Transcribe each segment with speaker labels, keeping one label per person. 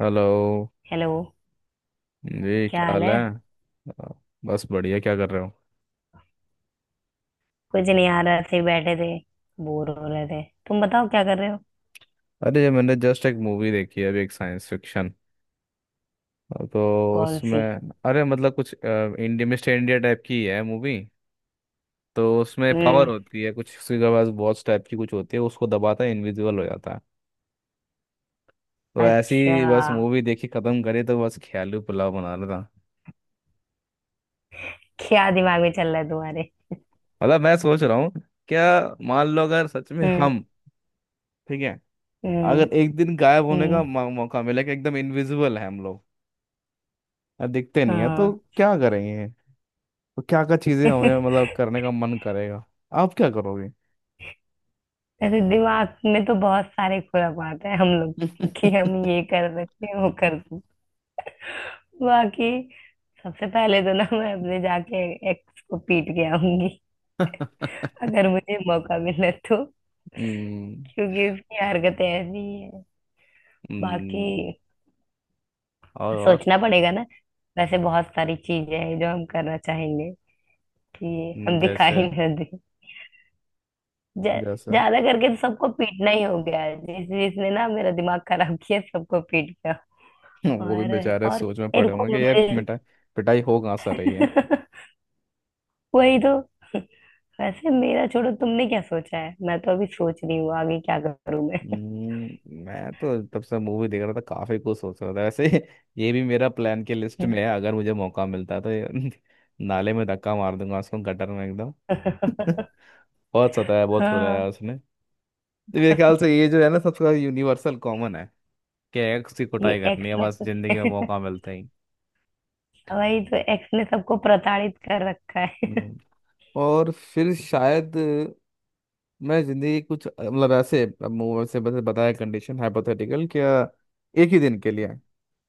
Speaker 1: Hello
Speaker 2: hello.
Speaker 1: जी,
Speaker 2: क्या
Speaker 1: क्या
Speaker 2: हाल
Speaker 1: हाल
Speaker 2: है?
Speaker 1: है। आ, बस बढ़िया। क्या कर रहे हो।
Speaker 2: कुछ नहीं यार, ऐसे ही बैठे थे, बोर हो रहे थे। तुम बताओ, क्या कर रहे हो?
Speaker 1: अरे, ये मैंने जस्ट एक मूवी देखी है अभी, एक साइंस फिक्शन। तो
Speaker 2: कौन
Speaker 1: उसमें,
Speaker 2: सी?
Speaker 1: अरे मतलब कुछ इंडिया, मिस्टर इंडिया टाइप की है मूवी। तो उसमें पावर
Speaker 2: हम्म।
Speaker 1: होती है कुछ, किसी के पास वॉच टाइप की कुछ होती है, उसको दबाता है, इनविजिबल हो जाता है। तो
Speaker 2: अच्छा,
Speaker 1: ऐसी बस मूवी देखी, खत्म करी, तो बस ख्याली पुलाव बना रहा था।
Speaker 2: क्या दिमाग में चल रहा है तुम्हारे?
Speaker 1: मतलब मैं सोच रहा हूँ, क्या, मान लो अगर सच में
Speaker 2: हम्म।
Speaker 1: हम। ठीक है।
Speaker 2: हम्म।
Speaker 1: अगर एक दिन गायब होने का
Speaker 2: हम्म।
Speaker 1: मौका मिला कि एकदम इनविजिबल है हम लोग। दिखते नहीं है तो
Speaker 2: हाँ।
Speaker 1: क्या करेंगे। तो क्या क्या चीजें हमें मतलब करने का मन करेगा। आप क्या करोगे।
Speaker 2: ऐसे दिमाग में तो बहुत सारे खुराफात है हम लोग के, कि हम ये कर सकते हैं, वो कर सकते हैं। बाकी सबसे पहले तो ना, मैं अपने जाके एक्स को पीट के आऊंगी। अगर मुझे मौका मिले तो,
Speaker 1: हम्म,
Speaker 2: क्योंकि उसकी हरकतें ऐसी हैं। बाकी
Speaker 1: हम्म। और
Speaker 2: सोचना पड़ेगा ना। वैसे बहुत सारी चीजें हैं जो हम करना चाहेंगे, कि हम दिखाई
Speaker 1: जैसे
Speaker 2: न दें। ज-
Speaker 1: जैसे।
Speaker 2: ज्यादा करके तो सबको पीटना ही हो गया है। जिस जिसने ना मेरा दिमाग खराब किया, सबको पीट गया।
Speaker 1: वो भी
Speaker 2: और
Speaker 1: बेचारे
Speaker 2: और
Speaker 1: सोच में पड़े
Speaker 2: रुको
Speaker 1: होंगे कि ये
Speaker 2: मुझे।
Speaker 1: मिटाई पिटाई हो कहाँ से रही है।
Speaker 2: वही तो। वैसे मेरा छोड़ो, तुमने क्या सोचा है? मैं तो अभी सोच रही हूँ आगे क्या करूँ मैं।
Speaker 1: हम्म, मैं तो तब से मूवी देख रहा था, काफी कुछ सोच रहा था वैसे। ये भी मेरा प्लान की लिस्ट में है अगर मुझे मौका मिलता तो ये। नाले में धक्का मार दूंगा उसको, गटर में एकदम। बहुत सताया, बहुत रुलाया
Speaker 2: हाँ,
Speaker 1: उसने। तो मेरे ख्याल से ये जो है ना, सबका यूनिवर्सल कॉमन है। कि एक्स की
Speaker 2: ये
Speaker 1: कुटाई करनी
Speaker 2: एक्स
Speaker 1: है बस, जिंदगी में
Speaker 2: ने
Speaker 1: मौका मिलता ही।
Speaker 2: वही तो, एक्स ने सबको प्रताड़ित कर रखा है।
Speaker 1: हम्म। और फिर शायद, मैं जिंदगी की कुछ, मतलब ऐसे अब मुंह से बस बताया, कंडीशन हाइपोथेटिकल, क्या। एक ही दिन के लिए है।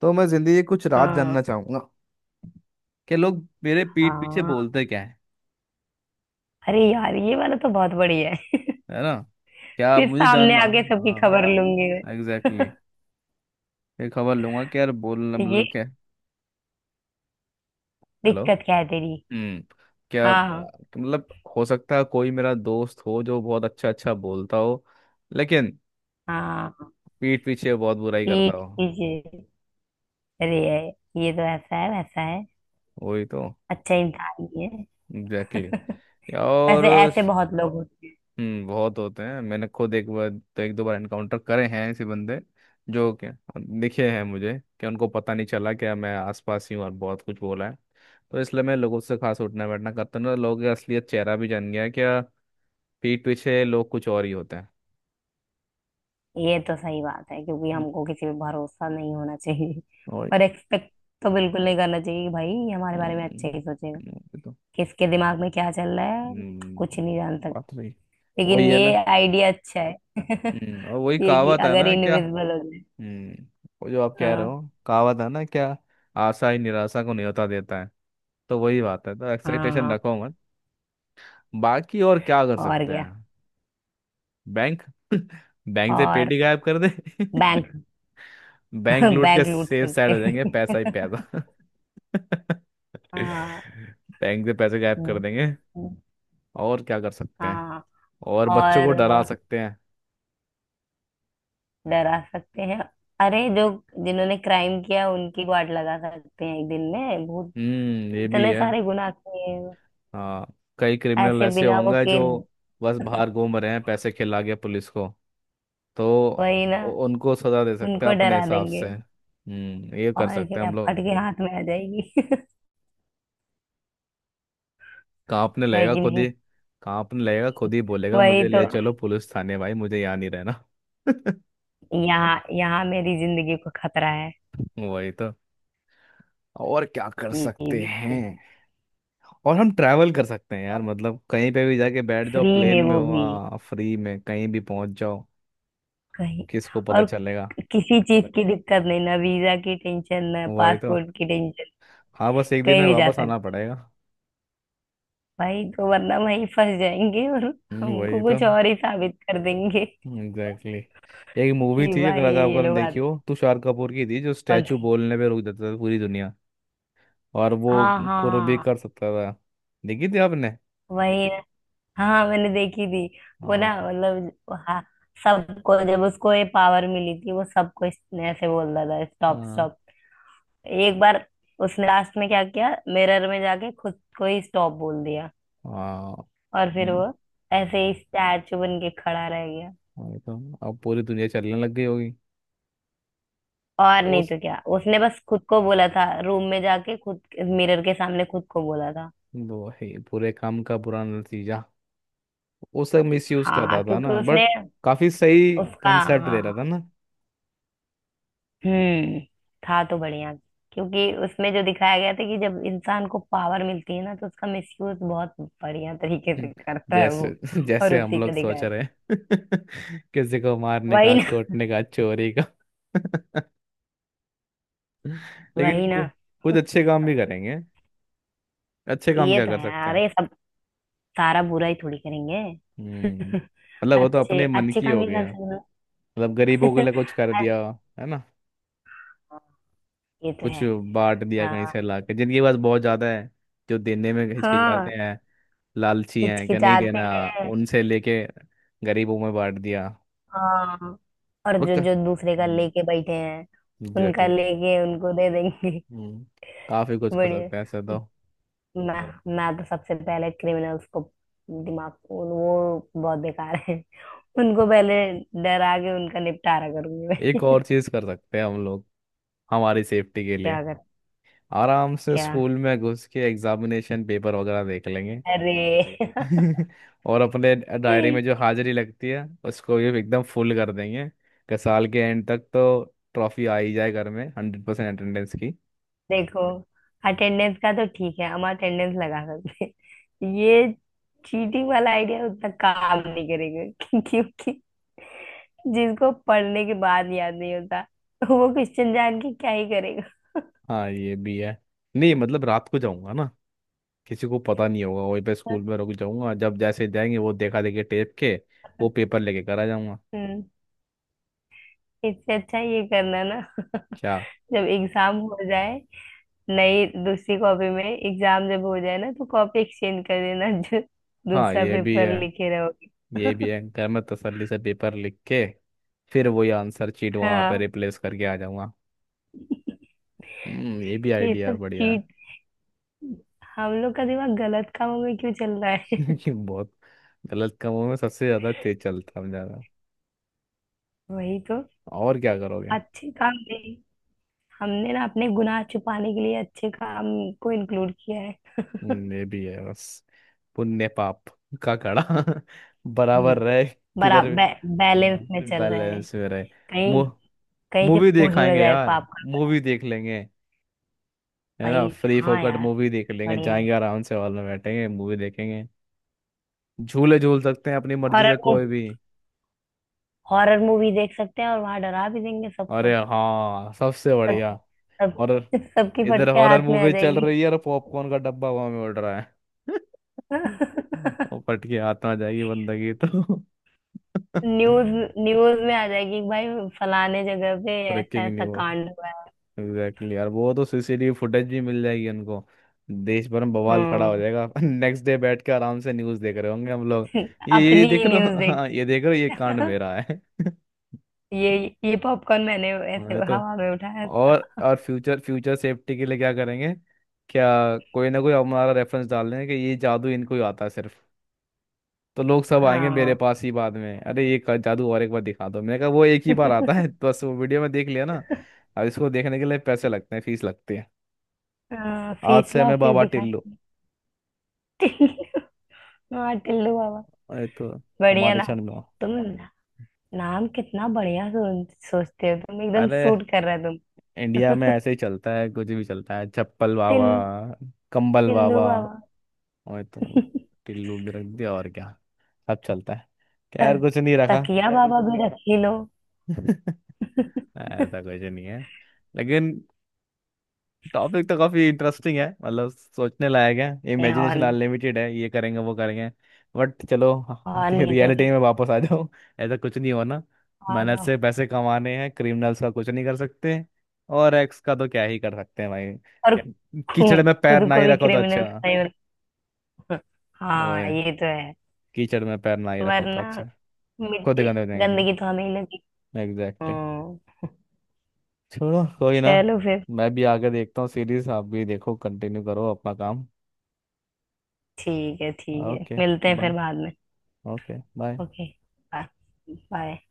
Speaker 1: तो मैं जिंदगी की कुछ राज
Speaker 2: हाँ।
Speaker 1: जानना चाहूंगा। कि लोग मेरे पीठ पीछे
Speaker 2: हाँ,
Speaker 1: बोलते क्या है।
Speaker 2: अरे यार ये वाला तो बहुत बढ़िया है।
Speaker 1: है ना। क्या
Speaker 2: फिर
Speaker 1: मुझे
Speaker 2: सामने
Speaker 1: जानना।
Speaker 2: आके सबकी खबर
Speaker 1: हाँ,
Speaker 2: लूंगी मैं।
Speaker 1: Exactly, exactly। ये खबर लूंगा कि यार, बोलना
Speaker 2: तो ये
Speaker 1: मतलब क्या। हेलो।
Speaker 2: दिक्कत क्या है तेरी?
Speaker 1: हम्म। क्या
Speaker 2: हाँ।
Speaker 1: मतलब। हो सकता है कोई मेरा दोस्त हो जो बहुत अच्छा अच्छा बोलता हो। लेकिन
Speaker 2: हाँ।
Speaker 1: पीठ पीछे बहुत बुराई करता
Speaker 2: पीठ
Speaker 1: हो।
Speaker 2: पीछे, अरे यार, ये तो ऐसा है वैसा है,
Speaker 1: वही तो।
Speaker 2: अच्छा इंसान ही है।
Speaker 1: Exactly, exactly।
Speaker 2: वैसे
Speaker 1: और,
Speaker 2: ऐसे बहुत लोग होते
Speaker 1: बहुत होते हैं, मैंने खुद एक बार तो, एक दो बार एनकाउंटर करे हैं ऐसे बंदे। जो क्या दिखे हैं मुझे कि उनको पता नहीं चला कि मैं आसपास ही हूँ और बहुत कुछ बोला है। तो इसलिए मैं लोगों से खास उठना बैठना करता हूँ ना, लोगों का असलियत चेहरा भी जान गया है क्या। पीठ पीछे लोग कुछ और ही होते
Speaker 2: हैं। ये तो सही बात है, क्योंकि
Speaker 1: हैं।
Speaker 2: हमको किसी पे भरोसा नहीं होना चाहिए।
Speaker 1: और
Speaker 2: और एक्सपेक्ट तो बिल्कुल नहीं करना चाहिए कि भाई ये हमारे बारे में अच्छे
Speaker 1: हम्म,
Speaker 2: ही सोचेगा।
Speaker 1: ये तो,
Speaker 2: किसके दिमाग में क्या चल रहा है, कुछ नहीं जान
Speaker 1: हम्म बात
Speaker 2: सकते।
Speaker 1: रही।
Speaker 2: लेकिन
Speaker 1: वही है
Speaker 2: ये
Speaker 1: ना।
Speaker 2: आइडिया अच्छा है।
Speaker 1: और वही
Speaker 2: ये कि
Speaker 1: कहावत है
Speaker 2: अगर
Speaker 1: ना क्या।
Speaker 2: इनविजिबल हो जाए।
Speaker 1: हम्म वो जो आप कह रहे
Speaker 2: हाँ।
Speaker 1: हो। कहावत है ना क्या। आशा ही निराशा को न्योता देता है। तो वही बात है, तो एक्साइटेशन
Speaker 2: हाँ।
Speaker 1: रखो मत। बाकी और क्या कर
Speaker 2: और
Speaker 1: सकते
Speaker 2: क्या?
Speaker 1: हैं। बैंक। बैंक से
Speaker 2: और
Speaker 1: पेटी गायब कर दे।
Speaker 2: बैंक,
Speaker 1: बैंक लूट के
Speaker 2: बैंक लूट
Speaker 1: सेफ
Speaker 2: सकते
Speaker 1: साइड हो जाएंगे,
Speaker 2: हैं।
Speaker 1: पैसा ही पैसा।
Speaker 2: हाँ।
Speaker 1: बैंक से पैसे गायब कर
Speaker 2: हम्म।
Speaker 1: देंगे।
Speaker 2: हम्म।
Speaker 1: और क्या कर सकते हैं।
Speaker 2: हाँ,
Speaker 1: और बच्चों को
Speaker 2: और
Speaker 1: डरा सकते हैं।
Speaker 2: डरा सकते हैं। अरे जो जिन्होंने क्राइम किया उनकी गांड लगा सकते हैं एक दिन में, भूत
Speaker 1: ये भी
Speaker 2: इतने
Speaker 1: है।
Speaker 2: सारे गुनाह किए हैं।
Speaker 1: हाँ, कई क्रिमिनल
Speaker 2: ऐसे
Speaker 1: ऐसे
Speaker 2: बिना वो
Speaker 1: होंगे
Speaker 2: के,
Speaker 1: जो बस बाहर घूम रहे हैं पैसे खिला के पुलिस को। तो
Speaker 2: वही
Speaker 1: उ-
Speaker 2: ना।
Speaker 1: उनको सजा दे सकते हैं
Speaker 2: उनको
Speaker 1: अपने
Speaker 2: डरा
Speaker 1: हिसाब
Speaker 2: देंगे,
Speaker 1: से। ये कर
Speaker 2: और
Speaker 1: सकते हैं
Speaker 2: क्या,
Speaker 1: हम लोग।
Speaker 2: फट के हाथ में आ जाएगी।
Speaker 1: कांपने
Speaker 2: है
Speaker 1: लगेगा
Speaker 2: कि
Speaker 1: खुद
Speaker 2: नहीं?
Speaker 1: ही। कांपने लगेगा खुद ही, बोलेगा
Speaker 2: वही
Speaker 1: मुझे
Speaker 2: तो,
Speaker 1: ले चलो पुलिस थाने, भाई मुझे यहाँ नहीं रहना।
Speaker 2: यहाँ यहाँ मेरी जिंदगी को खतरा है।
Speaker 1: वही तो। और क्या कर
Speaker 2: ये
Speaker 1: सकते
Speaker 2: भी।
Speaker 1: हैं। और हम ट्रैवल कर सकते हैं यार, मतलब कहीं पे भी जाके बैठ जाओ
Speaker 2: फ्री में,
Speaker 1: प्लेन में,
Speaker 2: वो भी
Speaker 1: हो फ्री में कहीं भी पहुंच जाओ।
Speaker 2: कहीं।
Speaker 1: किसको पता
Speaker 2: और
Speaker 1: चलेगा।
Speaker 2: किसी चीज की दिक्कत नहीं ना, वीजा की टेंशन ना
Speaker 1: वही तो।
Speaker 2: पासपोर्ट की टेंशन।
Speaker 1: हाँ, बस एक दिन
Speaker 2: कहीं
Speaker 1: में
Speaker 2: भी जा
Speaker 1: वापस आना
Speaker 2: सकते
Speaker 1: पड़ेगा।
Speaker 2: भाई, तो वरना वहीं फंस जाएंगे और
Speaker 1: वही
Speaker 2: हमको
Speaker 1: तो।
Speaker 2: कुछ और ही साबित कर देंगे,
Speaker 1: एग्जैक्टली, exactly। एक मूवी
Speaker 2: कि
Speaker 1: थी, अगर
Speaker 2: भाई
Speaker 1: अगर
Speaker 2: ये
Speaker 1: आपने
Speaker 2: लोग
Speaker 1: देखी
Speaker 2: आते
Speaker 1: हो, तुषार कपूर की थी, जो
Speaker 2: कौन
Speaker 1: स्टैचू
Speaker 2: थे।
Speaker 1: बोलने पे रोक देता था पूरी दुनिया। और वो
Speaker 2: हाँ हाँ
Speaker 1: कुछ भी
Speaker 2: हाँ,
Speaker 1: कर सकता था। देखी थी आपने।
Speaker 2: वही ना। हाँ मैंने देखी थी। वो ना,
Speaker 1: हाँ,
Speaker 2: मतलब, हाँ, सबको जब उसको ये पावर मिली थी, वो सबको इसने ऐसे बोल रहा था, स्टॉप
Speaker 1: हाँ,
Speaker 2: स्टॉप। एक बार उसने लास्ट में क्या किया, मिरर में जाके खुद को ही स्टॉप बोल दिया।
Speaker 1: हाँ।
Speaker 2: और फिर
Speaker 1: हम्म,
Speaker 2: वो ऐसे ही स्टैचू बन के खड़ा रह गया।
Speaker 1: वही तो। अब पूरी दुनिया चलने लग गई होगी।
Speaker 2: और नहीं
Speaker 1: उस,
Speaker 2: तो क्या, उसने बस खुद को बोला था, रूम में जाके खुद मिरर के सामने खुद को बोला था।
Speaker 1: वही पूरे काम का बुरा नतीजा। उसका मिस यूज कर
Speaker 2: हाँ
Speaker 1: रहा था
Speaker 2: क्योंकि
Speaker 1: ना,
Speaker 2: उसने,
Speaker 1: बट काफी सही
Speaker 2: उसका,
Speaker 1: कंसेप्ट दे रहा
Speaker 2: हाँ,
Speaker 1: था ना।
Speaker 2: हम्म। था तो बढ़िया, क्योंकि उसमें जो दिखाया गया था कि जब इंसान को पावर मिलती है ना, तो उसका मिसयूज बहुत बढ़िया तरीके
Speaker 1: हम्म,
Speaker 2: से करता है वो।
Speaker 1: जैसे।
Speaker 2: और
Speaker 1: जैसे हम
Speaker 2: उसी
Speaker 1: लोग
Speaker 2: का
Speaker 1: सोच
Speaker 2: दिखाया था।
Speaker 1: रहे हैं। किसी को मारने
Speaker 2: वही
Speaker 1: का,
Speaker 2: ना।
Speaker 1: कूटने का, चोरी का। लेकिन
Speaker 2: वही ना।
Speaker 1: कुछ अच्छे काम भी करेंगे। अच्छे काम
Speaker 2: ये
Speaker 1: क्या
Speaker 2: तो
Speaker 1: कर
Speaker 2: है,
Speaker 1: सकते हैं।
Speaker 2: अरे सब, सारा बुरा ही थोड़ी करेंगे।
Speaker 1: मतलब वो तो
Speaker 2: अच्छे
Speaker 1: अपने मन
Speaker 2: अच्छे
Speaker 1: की
Speaker 2: काम
Speaker 1: हो
Speaker 2: ही कर
Speaker 1: गया।
Speaker 2: सकते हैं।
Speaker 1: मतलब गरीबों के
Speaker 2: अरे,
Speaker 1: लिए कुछ कर दिया। है ना।
Speaker 2: ये तो
Speaker 1: कुछ
Speaker 2: है।
Speaker 1: बांट दिया कहीं से
Speaker 2: हाँ।
Speaker 1: लाके, जिनके पास बहुत ज्यादा है। जो देने में
Speaker 2: हाँ,
Speaker 1: हिचकिचाते हैं। लालची हैं, क्या नहीं
Speaker 2: हिचकिचाते
Speaker 1: देना।
Speaker 2: हैं।
Speaker 1: उनसे लेके गरीबों में बांट दिया।
Speaker 2: हाँ, और जो
Speaker 1: ओके,
Speaker 2: जो दूसरे का लेके बैठे हैं, उनका
Speaker 1: एग्जैक्टली।
Speaker 2: लेके उनको दे देंगे।
Speaker 1: हम्म काफी कुछ कर
Speaker 2: बढ़िया।
Speaker 1: सकते हैं ऐसे तो।
Speaker 2: मैं मैं तो सबसे पहले क्रिमिनल्स को, दिमाग को, वो बहुत बेकार है, उनको पहले डरा के उनका निपटारा करूंगी मैं।
Speaker 1: एक और चीज कर सकते हैं हम लोग, हमारी सेफ्टी के लिए।
Speaker 2: क्या कर,
Speaker 1: आराम से
Speaker 2: क्या,
Speaker 1: स्कूल में घुस के एग्जामिनेशन पेपर वगैरह देख लेंगे।
Speaker 2: अरे।
Speaker 1: और अपने डायरी में जो हाजिरी लगती है उसको भी एकदम फुल कर देंगे। कि साल के एंड तक तो ट्रॉफी आ ही जाए घर में, 100% अटेंडेंस की।
Speaker 2: देखो, अटेंडेंस का तो ठीक है, हम अटेंडेंस लगा सकते हैं। ये चीटिंग वाला आइडिया उतना काम नहीं करेगा, क्योंकि जिसको पढ़ने के बाद याद नहीं होता, वो क्वेश्चन जान के क्या ही करेगा।
Speaker 1: हाँ, ये भी है। नहीं मतलब, रात को जाऊंगा ना, किसी को पता नहीं होगा, वहीं पे स्कूल में रुक जाऊंगा, जब जैसे जाएंगे वो, देखा देखी टेप के वो पेपर लेके करा जाऊंगा।
Speaker 2: हम्म। इससे अच्छा ये करना ना,
Speaker 1: क्या।
Speaker 2: जब एग्जाम हो जाए, नई दूसरी कॉपी में, एग्जाम जब हो जाए ना, तो कॉपी एक्सचेंज कर देना, जो
Speaker 1: हाँ,
Speaker 2: दूसरा
Speaker 1: ये भी है।
Speaker 2: पेपर लिखे रहोगे।
Speaker 1: ये भी है, घर में तसल्ली से पेपर लिख के फिर वही आंसर चीट वहां पर
Speaker 2: हाँ,
Speaker 1: रिप्लेस करके आ जाऊंगा। ये भी
Speaker 2: ये
Speaker 1: आइडिया
Speaker 2: सब
Speaker 1: बढ़िया है।
Speaker 2: चीट, हम लोग का दिमाग गलत कामों में क्यों चल रहा है।
Speaker 1: लेकिन बहुत, गलत कामों में सबसे ज्यादा तेज चलता हम ज्यादा।
Speaker 2: वही तो,
Speaker 1: और क्या करोगे।
Speaker 2: अच्छे काम में हमने ना अपने गुनाह छुपाने के लिए अच्छे काम को इंक्लूड किया है।
Speaker 1: ये भी है बस, पुण्य पाप का घड़ा
Speaker 2: हम्म,
Speaker 1: बराबर रहे किधर भी।
Speaker 2: बैलेंस
Speaker 1: हाँ,
Speaker 2: में चल रहा है।
Speaker 1: बैलेंस में रहे। मु,
Speaker 2: कहीं, कहीं से
Speaker 1: मूवी
Speaker 2: फूट न
Speaker 1: देखाएंगे
Speaker 2: जाए
Speaker 1: यार,
Speaker 2: पाप का।
Speaker 1: मूवी देख लेंगे। है ना,
Speaker 2: भाई,
Speaker 1: फ्री
Speaker 2: हाँ
Speaker 1: फोकट
Speaker 2: यार,
Speaker 1: मूवी देख लेंगे,
Speaker 2: बढ़िया।
Speaker 1: जाएंगे आराम से हॉल में, बैठेंगे मूवी देखेंगे। झूले झूल सकते हैं अपनी मर्जी
Speaker 2: हॉरर
Speaker 1: से कोई
Speaker 2: मूवी
Speaker 1: भी।
Speaker 2: हॉरर मूवी देख सकते हैं, और वहां डरा भी देंगे
Speaker 1: अरे
Speaker 2: सबको।
Speaker 1: हाँ, सबसे
Speaker 2: सब
Speaker 1: बढ़िया
Speaker 2: सब
Speaker 1: हॉरर।
Speaker 2: सबकी
Speaker 1: इधर
Speaker 2: फटके
Speaker 1: हॉरर
Speaker 2: हाथ में आ
Speaker 1: मूवी चल
Speaker 2: जाएगी।
Speaker 1: रही है और पॉपकॉर्न का डब्बा हवा में उड़ रहा है। और फट के हाथ में आ जाएगी बंदगी तो।
Speaker 2: न्यूज न्यूज में आ जाएगी भाई, फलाने जगह पे ऐसा
Speaker 1: रखेंगे नहीं
Speaker 2: ऐसा
Speaker 1: वो।
Speaker 2: कांड हुआ है।
Speaker 1: एग्जैक्टली यार, वो तो सीसीटीवी फुटेज भी मिल जाएगी उनको। देश भर में बवाल खड़ा हो
Speaker 2: हम्म,
Speaker 1: जाएगा। नेक्स्ट डे बैठ के आराम से न्यूज़ देख रहे होंगे हम लोग। ये
Speaker 2: अपनी ही
Speaker 1: देख रहे
Speaker 2: न्यूज
Speaker 1: हो। हाँ,
Speaker 2: देखी।
Speaker 1: ये देख रहे हो, ये कांड मेरा है।
Speaker 2: ये ये पॉपकॉर्न मैंने ऐसे
Speaker 1: हाँ, ये तो।
Speaker 2: हवा में उठाया।
Speaker 1: और फ्यूचर फ्यूचर सेफ्टी के लिए क्या करेंगे। क्या कोई ना कोई हमारा रेफरेंस डाल लें कि ये जादू इनको ही आता है सिर्फ। तो लोग सब आएंगे मेरे
Speaker 2: हाँ
Speaker 1: पास ही बाद में, अरे ये जादू और एक बार दिखा दो, मैंने कहा वो एक ही बार आता है। बस वो वीडियो में देख लिया ना। अब इसको देखने के लिए पैसे लगते हैं, फीस लगती है।
Speaker 2: था।
Speaker 1: तो आज से
Speaker 2: फीसला और
Speaker 1: हमें
Speaker 2: फिर
Speaker 1: बाबा
Speaker 2: दिखाई।
Speaker 1: टिल्लू,
Speaker 2: टिल्लू, हाँ टिल्लू बाबा,
Speaker 1: ये तो
Speaker 2: बढ़िया
Speaker 1: हमारे
Speaker 2: ना।
Speaker 1: क्षण में हो।
Speaker 2: तुम ना, नाम कितना बढ़िया सोचते हो तुम, एकदम
Speaker 1: अरे
Speaker 2: सूट कर रहा है तुम।
Speaker 1: इंडिया में ऐसे ही चलता है, कुछ भी चलता है, चप्पल
Speaker 2: टिल
Speaker 1: बाबा, कंबल
Speaker 2: टिल्लू
Speaker 1: बाबा,
Speaker 2: बाबा।
Speaker 1: और तो टिल्लू भी रख दिया, और क्या। सब चलता है। खैर
Speaker 2: त-
Speaker 1: कुछ नहीं रखा।
Speaker 2: तकिया बाबा भी रख ही लो।
Speaker 1: ऐसा कुछ नहीं है। लेकिन टॉपिक तो काफी इंटरेस्टिंग है, मतलब सोचने लायक है,
Speaker 2: या और
Speaker 1: इमेजिनेशन
Speaker 2: नहीं।
Speaker 1: अनलिमिटेड है, ये करेंगे वो करेंगे। बट चलो
Speaker 2: और
Speaker 1: आके
Speaker 2: नहीं तो
Speaker 1: रियलिटी में वापस आ जाओ। ऐसा कुछ नहीं होना।
Speaker 2: क्या आ
Speaker 1: मेहनत
Speaker 2: जाओ।
Speaker 1: से पैसे कमाने हैं, क्रिमिनल्स का कुछ नहीं कर सकते। और एक्स का तो क्या ही कर सकते हैं भाई।
Speaker 2: और
Speaker 1: कीचड़ में पैर
Speaker 2: खुद
Speaker 1: ना
Speaker 2: को
Speaker 1: ही
Speaker 2: भी
Speaker 1: रखो तो अच्छा।
Speaker 2: क्रिमिनल नहीं बना। हाँ
Speaker 1: ओए,
Speaker 2: ये तो है,
Speaker 1: कीचड़ में पैर ना ही रखो तो
Speaker 2: वरना
Speaker 1: अच्छा। खुद ही
Speaker 2: मिट्टी,
Speaker 1: गंदे हो जाएंगे।
Speaker 2: गंदगी तो हमें ही लगी।
Speaker 1: एग्जैक्टली।
Speaker 2: हम्म।
Speaker 1: छोड़ो, कोई ना।
Speaker 2: चलो फिर,
Speaker 1: मैं भी आगे देखता हूँ सीरीज, आप भी देखो, कंटिन्यू करो अपना काम।
Speaker 2: ठीक है ठीक है,
Speaker 1: ओके।
Speaker 2: मिलते हैं फिर
Speaker 1: बाय।
Speaker 2: बाद में।
Speaker 1: ओके। बाय।
Speaker 2: Okay, bye.